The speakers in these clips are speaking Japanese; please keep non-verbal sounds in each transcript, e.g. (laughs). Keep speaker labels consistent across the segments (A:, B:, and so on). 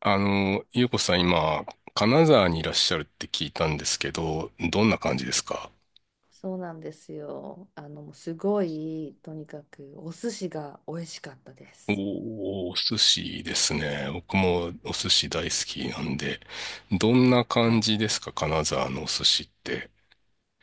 A: ゆうこさん今、金沢にいらっしゃるって聞いたんですけど、どんな感じですか？
B: そうなんですよ。もうすごい、とにかくお寿司が美味しかったで
A: おー、
B: す。
A: お寿司ですね。僕もお寿司大好きなんで、どんな
B: は
A: 感
B: い。
A: じですか金沢のお寿司って。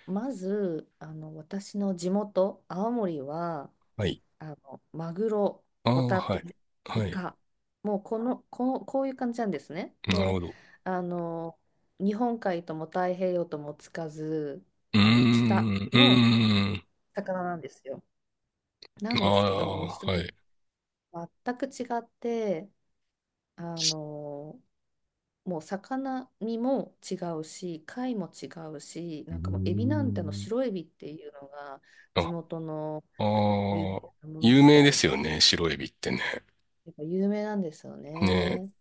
B: まず、私の地元、青森は、
A: はい。
B: マグロ、
A: あ
B: ホ
A: あ、
B: タ
A: は
B: テ、
A: い。は
B: イ
A: い。
B: カ、もうこういう感じなんですね。
A: なるほ
B: で、
A: ど。
B: あの、日本海とも太平洋ともつかず、
A: うー
B: 北
A: ん、う
B: の
A: ーん、
B: 魚なんですよ。なん
A: あ
B: ですけど、もう
A: あ、
B: ちょっと
A: はい。
B: 全く違って、あの、もう魚身も違うし貝も違うし、
A: うー
B: なんかもうエビなんて、あの
A: ん。
B: 白エビっていうのが
A: あ、
B: 地元の
A: あ
B: 有名
A: あ。
B: なもの
A: 有
B: み
A: 名
B: た
A: で
B: い
A: すよ
B: で、
A: ね、白エビってね。
B: やっぱ有名なんですよ
A: ね、
B: ね。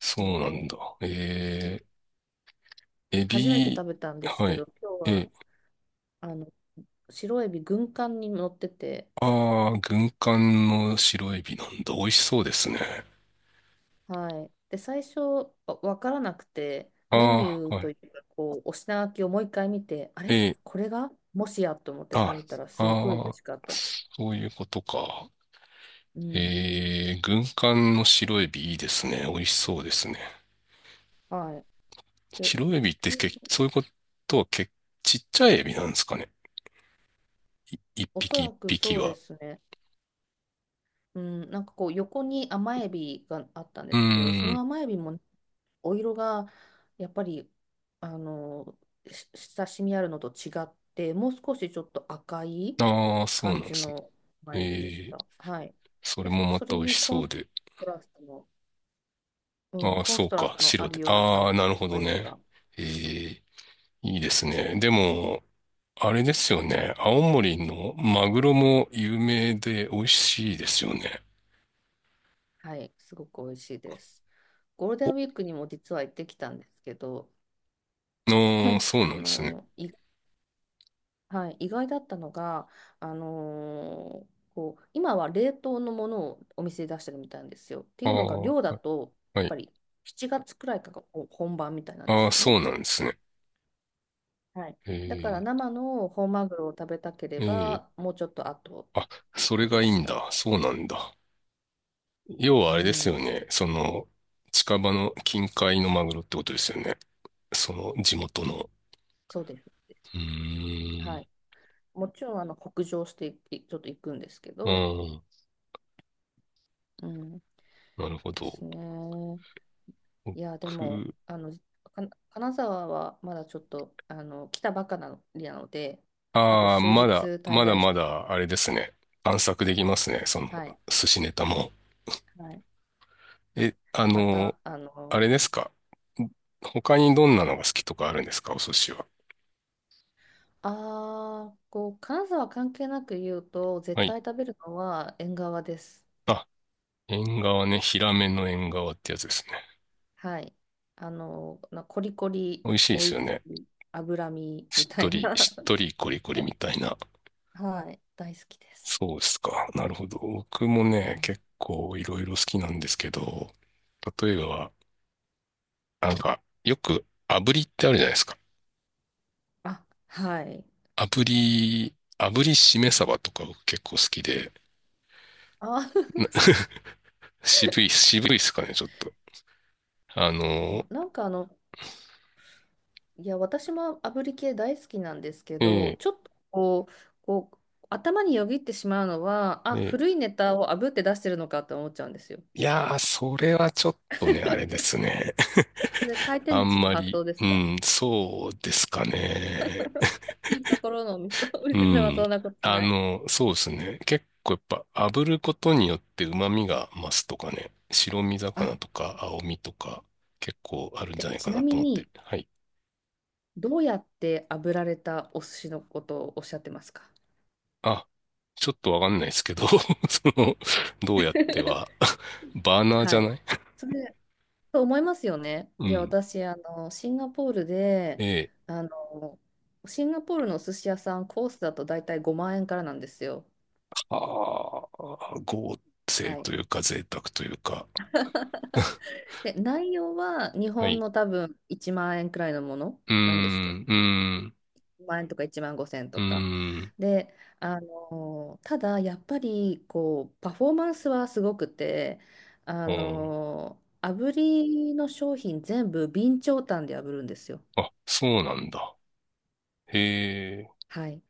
A: そうなんだ。え
B: うで、
A: え。エ
B: 初めて
A: ビ、
B: 食べたんです
A: は
B: け
A: い。
B: ど今日
A: え、
B: は、あの白エビ軍艦に乗ってて。
A: ああ、軍艦の白エビなんだ。美味しそうですね。
B: はい。で、最初わからなくて、
A: あ
B: メニュ
A: あ、
B: ー
A: は
B: と
A: い。
B: いうかお品書きをもう一回見て、あれ、
A: え、
B: これがもしやと思って
A: あ、
B: 食べたらすっごい美
A: あ
B: 味しかっ
A: あ、
B: たです。
A: そういうことか。
B: うん。
A: えー、軍艦の白エビいいですね。美味しそうですね。
B: はい。で、
A: 白エビっ
B: 普
A: て
B: 通、
A: け、そういうことはけ、ちっちゃいエビなんですかね。い、一
B: おそ
A: 匹
B: ら
A: 一
B: く
A: 匹
B: そうで
A: は。
B: すね。うん、なんか横に甘エビがあったん
A: う
B: ですけど、そ
A: ー
B: の
A: ん。
B: 甘エビもね、お色がやっぱり、あのし親しみあるのと違って、もう少しちょっと赤い
A: ああ、そう
B: 感
A: なんで
B: じ
A: すね。
B: の
A: え
B: 甘エビでし
A: ー、
B: た。はい。
A: それ
B: で、
A: もま
B: そ
A: た
B: れ
A: 美味
B: に
A: しそうで。
B: トラストの、うん、
A: ああ、
B: コン
A: そ
B: ス
A: う
B: トラス
A: か。
B: トのあ
A: 白
B: る
A: で。
B: ような感
A: ああ、
B: じ
A: なる
B: の
A: ほ
B: 白
A: ど
B: エビ
A: ね。
B: が。
A: ええ、いいですね。でも、あれですよね。青森のマグロも有名で美味しいですよね。
B: はい、すごく美味しいです。ゴールデ
A: お、
B: ンウィークにも実は行ってきたんですけど、
A: ああ、そう
B: あ
A: なんですね。
B: の、意はい、意外だったのが、今は冷凍のものをお店で出してるみたいなんですよ。ってい
A: あ
B: うのが
A: あ、
B: 量だと、
A: は
B: やっぱ
A: い。
B: り7月くらいから本番みたいなんで
A: あ
B: す
A: あ、
B: よ
A: そ
B: ね。
A: うなんですね。
B: はい、だから
A: え
B: 生の本マグロを食べたけれ
A: え、ええ。
B: ばもうちょっと後
A: あ、
B: という
A: それ
B: こと
A: がい
B: で
A: い
B: し
A: ん
B: た。
A: だ。そうなんだ。要はあ
B: う
A: れですよ
B: ん、
A: ね。その、近場の近海のマグロってことですよね。その地元の。
B: そうです。
A: うー
B: は
A: ん。
B: い、もちろん北上していちょっと行くんですけ
A: う
B: ど。
A: ん。
B: うん、
A: なるほ
B: です
A: ど。
B: ね。いや、でも、
A: 僕、
B: 金沢はまだちょっと、来たばかりなので、あと
A: ああ、
B: 数
A: ま
B: 日
A: だ、
B: 滞
A: まだ
B: 在し。
A: まだ、あれですね。探索できますね。その、
B: はい、
A: 寿司ネタも。
B: はい、はい。
A: え、
B: また、
A: あれですか。他にどんなのが好きとかあるんですか、お寿司は。
B: 金沢関係なく言うと、
A: は
B: 絶
A: い。
B: 対食べるのは縁側です。
A: あ、縁側ね。ヒラメの縁側ってやつですね。
B: はい。コリコリ、
A: 美味しいで
B: 美
A: す
B: 味
A: よ
B: し
A: ね。
B: い、脂身み
A: しっ
B: た
A: と
B: い
A: り、
B: な。
A: しっとりコリコリみ
B: (laughs)
A: たいな。
B: はい、大好きです。
A: そうですか。なるほど。僕も
B: う
A: ね、
B: ん、
A: 結構いろいろ好きなんですけど、例えば、なんか、よく炙りってあるじゃないですか。
B: あ、はい。
A: 炙りしめ鯖とか結構好きで、
B: あ、
A: 渋いっすかね、ちょっと。あの、
B: (laughs) なんかいや、私も炙り系大好きなんですけ
A: え
B: ど、
A: え、
B: ちょっとこう、頭によぎってしまうのは、あ、
A: え
B: 古
A: え。
B: いネタを炙って出してるのかって思っちゃうんですよ。
A: いやー、それはちょっとね、あれですね。
B: それ回
A: (laughs)
B: 転
A: あ
B: 寿
A: ん
B: 司の
A: ま
B: 発
A: り、
B: 想です
A: う
B: か？
A: ん、そうですかね。
B: (laughs) いいところのお店 (laughs) お
A: う
B: 店では
A: ん。
B: そんなこと
A: あ
B: ない。
A: の、そうですね。結構やっぱ炙ることによって旨味が増すとかね、白身
B: あ、
A: 魚とか青身とか結構あるんじゃ
B: で、
A: ない
B: ち
A: か
B: な
A: な
B: み
A: と思っ
B: に、
A: て。はい。
B: どうやって炙られたお寿司のことをおっしゃってますか？
A: あ、ちょっとわかんないですけど、(laughs) その、どうやっては、
B: (laughs)
A: (laughs) バーナーじ
B: は
A: ゃ
B: い。
A: ない。
B: それと思いますよね。
A: う
B: いや、
A: ん。
B: 私、シンガポールで、
A: ええ。
B: あの、シンガポールのお寿司屋さん、コースだと大体5万円からなんですよ。
A: ああ、合成
B: はい。
A: というか贅沢というか。(laughs)
B: で、内容は日
A: は
B: 本
A: い。
B: の多分1万円くらいのもの
A: うー
B: なんですけど、
A: ん、うーん、
B: 1万円とか1万5千円
A: う
B: と
A: ー
B: か。
A: ん、
B: で、ただ、やっぱり、パフォーマンスはすごくて、
A: うん。
B: 炙りの商品全部備長炭で炙るんですよ。
A: あ、そうなんだ。へえ、
B: はい。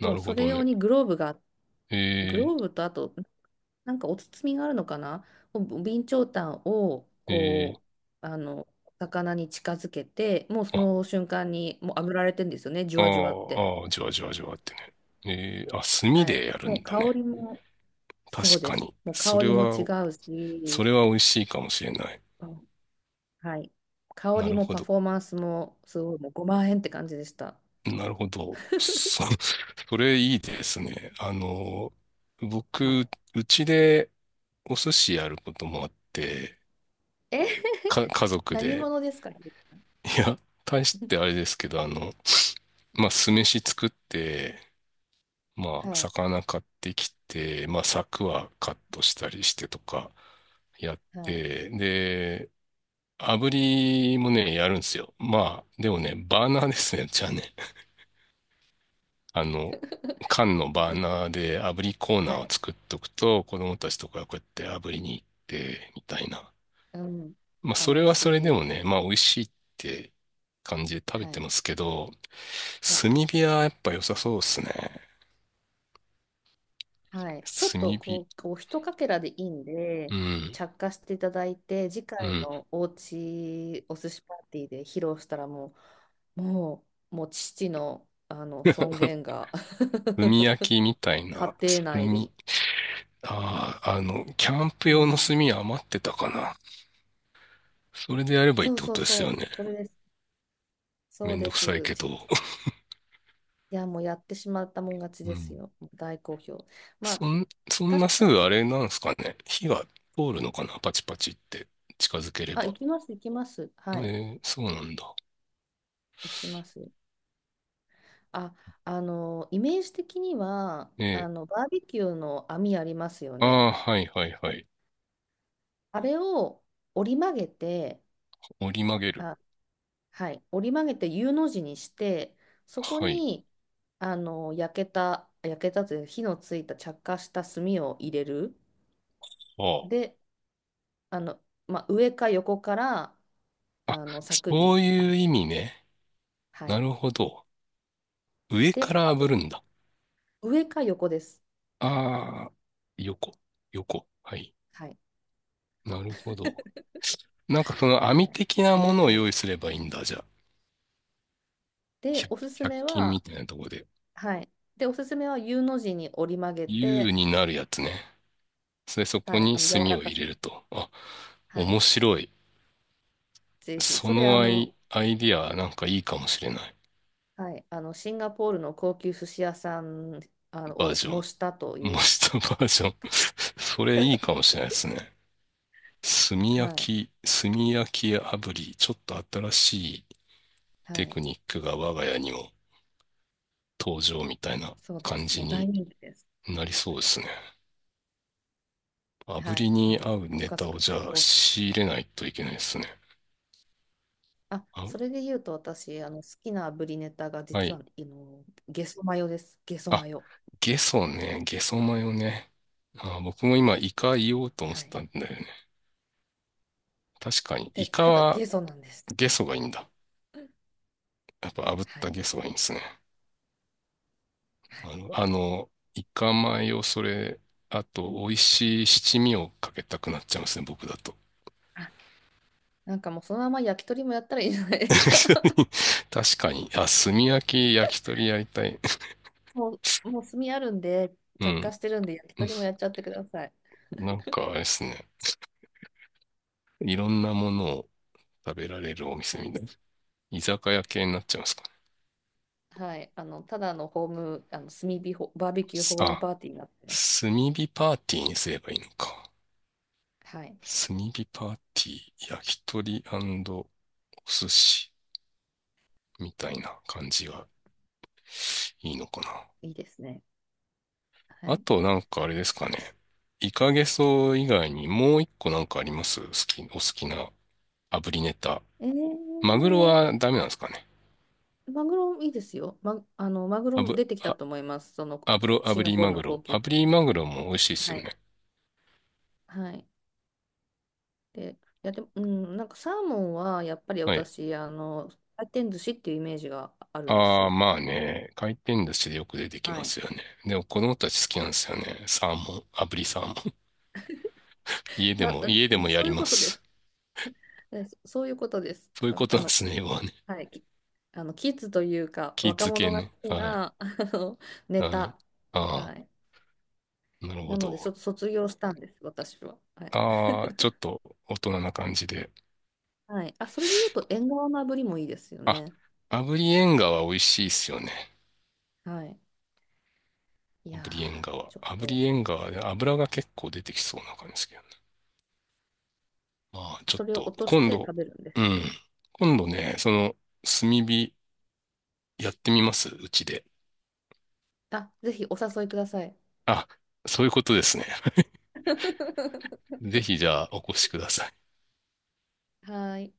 A: な
B: もう
A: るほ
B: それ
A: ど
B: 用
A: ね。
B: に
A: へ
B: グ
A: え、
B: ローブと、あと、なんかお包みがあるのかな、お備長炭を、
A: へえ、
B: う、あの、魚に近づけて、もうそ
A: あ、
B: の瞬間に、もう炙られてるんですよね、じゅ
A: あ
B: わじゅわって。
A: あ、ああ、じわじわじわってね。ええ、あ、炭
B: は
A: で
B: い。
A: やるん
B: もう
A: だ
B: 香
A: ね。
B: りも、そう
A: 確
B: で
A: か
B: す。
A: に。
B: もう
A: そ
B: 香
A: れ
B: りも違
A: は、
B: う
A: そ
B: し、
A: れは美味しいかもしれない。
B: あ、はい。香
A: な
B: り
A: る
B: も
A: ほ
B: パ
A: ど。
B: フォーマンスも、すごい、もう5万円って感じでした。
A: なるほど。そ、(laughs) それいいですね。あの、
B: は
A: 僕、
B: い。
A: うちでお寿司やることもあって、
B: え
A: か、家
B: (laughs)、
A: 族
B: 何
A: で。
B: 者ですかね？
A: いや、大してあ
B: (laughs)
A: れですけど、あの、まあ、酢飯作って、まあ、
B: はい。
A: 魚買ってきて、まあ、柵はカットしたりしてとかやっ
B: はい。
A: て、で、炙りもね、やるんですよ。まあ、でもね、バーナーですね、じゃあね。あの、
B: (laughs)
A: 缶のバー
B: で、
A: ナーで炙りコー
B: は
A: ナーを
B: い。
A: 作っとくと、子供たちとかがこうやって炙りに行って、みたいな。
B: うん。
A: まあ、それ
B: 楽
A: はそれで
B: し
A: も
B: い。
A: ね、まあ、美味しいって感じで食べ
B: は
A: て
B: い。
A: ますけど、
B: いや、
A: 炭火はやっぱ良さそうですね。
B: はい、ちょっと
A: 炭火。
B: こう一かけらでいいん
A: う
B: で、
A: ん。
B: 着火していただいて、次
A: う
B: 回
A: ん。
B: のおうちお寿司パーティーで披露したらう、ももう父の、あの尊厳が
A: 炭焼きみ
B: (laughs)
A: たいな、
B: 家庭内
A: 炭。
B: で。
A: ああ、あの、キャンプ
B: う
A: 用の
B: ん、
A: 炭余ってたかな。それでやればいいっ
B: そう
A: てこ
B: そう
A: とですよ
B: そ
A: ね。
B: う、それです、そ
A: め
B: う
A: んど
B: で
A: くさい
B: す。
A: けど。
B: いや、もうやってしまったもん勝
A: (laughs)
B: ち
A: う
B: です
A: ん。
B: よ、大好評。まあ、
A: そん
B: 確
A: な
B: か
A: すぐあ
B: に、
A: れなんですかね。火が通るのかなパチパチって近づけれ
B: あ、
A: ば。
B: 行きます、行きます、
A: え
B: はい、
A: ー、そうなんだ。
B: 行きます。あ、イメージ的には、
A: え
B: バーベキューの網ありますよ
A: ー、あ
B: ね。
A: あ、はいはいはい。
B: あれを折り曲げて、
A: 折り曲げる。
B: あ、はい、折り曲げて U の字にして、そこ
A: はい。
B: に、焼けたという、火のついた着火した炭を入れる。
A: あ
B: で、あの、まあ、上か横から、
A: あ。あ、
B: 柵
A: そ
B: に
A: う
B: 当
A: いう
B: て
A: 意
B: る。
A: 味ね。
B: は
A: な
B: い。
A: るほど。上か
B: で、
A: ら
B: あ、
A: 炙るんだ。
B: 上か横です。
A: ああ、横、横。はい。
B: はい。
A: なるほど。なんかその網
B: はい。
A: 的なも
B: 上
A: のを
B: か
A: 用
B: 横。
A: 意すればいいんだ。じゃあ、
B: で、おすすめ
A: 100均み
B: は、
A: たいなとこで。
B: はい。で、おすすめは U の字に折り曲げ
A: U
B: て、
A: になるやつね。それそこ
B: はい、
A: に
B: 柔
A: 炭
B: ら
A: を
B: か
A: 入
B: せ
A: れ
B: て、
A: ると。あ、
B: は
A: 面
B: い、
A: 白い。
B: ぜひ、それ、
A: アイディアなんかいいかもしれない。
B: はい、シンガポールの高級寿司屋さん、
A: バー
B: を
A: ジョン。
B: 模したとい
A: 模
B: う。
A: したバージョン。(laughs) それいいかもしれないですね。炭焼
B: はい、
A: き、炭焼き炙り、ちょっと新しい
B: は
A: テ
B: い、
A: クニックが我が家にも登場みたいな
B: そうで
A: 感
B: す。
A: じ
B: もう大
A: に
B: 人気です。
A: なりそう
B: は
A: で
B: い、
A: すね。炙
B: は
A: り
B: い、
A: に
B: も
A: 合
B: う
A: う
B: ご
A: ネ
B: 家
A: タを
B: 族
A: じ
B: 大
A: ゃあ
B: 好評。
A: 仕入れないといけないですね。
B: あ、
A: あ、
B: それで言うと私、好きなブリネタが、
A: は
B: 実
A: い。
B: はゲソマヨです。ゲソ
A: あ、
B: マヨ。
A: ゲソね。ゲソマヨね。あ、僕も今イカ言おうと思っ
B: は
A: て
B: い。
A: たんだよね。確かに、
B: で、
A: イカ
B: ただ
A: は。
B: ゲソなんです。
A: ゲソがいいんだ。やっぱ炙っ
B: は
A: た
B: い。
A: ゲソがいいんですね。
B: はい。
A: あの、あの、イカ米をそれ、あ
B: う
A: と、
B: ん、
A: 美味しい七味をかけたくなっちゃいますね、僕だと。
B: なんかもうそのまま焼き鳥もやったらいいじゃないですか。(laughs)
A: (laughs) 確かに。あ、炭焼き、焼き鳥やりたい。
B: ももう炭あるんで、
A: う
B: 着火
A: ん。
B: してるんで、焼き鳥もやっちゃってください。
A: なんか、あれですね。いろんなものを食べられるお店
B: は
A: み
B: い。
A: たいな。居酒屋系になっちゃいますかね。
B: はい。ただのホーム、あの、炭火ホ、バーベキューホーム
A: あ、
B: パーティーになってます。
A: 炭火パーティーにすればいいのか。
B: はい。
A: 炭火パーティー、焼き鳥お寿司。みたいな感じがいいのかな。
B: いいですね。は
A: あ
B: い。
A: となんかあれです
B: そ
A: か
B: うで
A: ね。
B: す。
A: イカゲソ以外にもう一個なんかあります好き、お好きな炙りネタ。
B: え
A: マグロ
B: ー、
A: はダメなんですかね。
B: マグロいいですよ。ま、マグ
A: あ
B: ロ
A: ぶ、
B: 出てきた
A: あ、
B: と思います。その、
A: 炙ろ、
B: シ
A: 炙
B: ンガ
A: り
B: ポール
A: マ
B: の
A: グ
B: 高
A: ロ。
B: 級
A: 炙
B: 店。
A: りマグロも美味しいっす
B: は
A: よ
B: い。
A: ね。
B: はい。で、いや、でも、うん、なんかサーモンは、やっぱり
A: はい。
B: 私、回転寿司っていうイメージがあるんです
A: ああ、
B: よ。
A: まあね。回転寿司でよく出てき
B: は
A: ま
B: い。
A: すよね。でも子供たち好きなんですよね。サーモン、炙りサーモン。(laughs)
B: だ、
A: 家でもや
B: そ
A: り
B: ういう
A: ま
B: ことです。
A: す。
B: そういうことです。だ
A: そういう
B: から、
A: ことなんですね、要はね。
B: はい。きあの、キッズというか、
A: 気
B: 若
A: 付け
B: 者が
A: ね。
B: 好き
A: はい。
B: な、(laughs) の、ネ
A: はい。
B: タ。は
A: あ
B: い。
A: あ、なるほ
B: なので、
A: ど。
B: 卒業したんです、私は。はい。
A: ああ、ちょっ
B: (laughs)
A: と大人な感じで。
B: はい。あ、それで言うと、縁側の炙りもいいですよ
A: あ、
B: ね。
A: 炙り縁側美味しいっすよね。
B: はい。いやー、
A: 炙り縁側。
B: ちょっ
A: 炙
B: と、
A: り縁側で油が結構出てきそうな感じですけどね。まあ、ちょ
B: そ
A: っ
B: れを
A: と、
B: 落とし
A: 今
B: て
A: 度、
B: 食べるんです。
A: うん。今度ね、その、炭火やってみますうちで。
B: あ、ぜひお誘いください。
A: あ、そういうことですね。
B: (laughs)
A: (laughs) ぜひじゃあお越しください。
B: はい。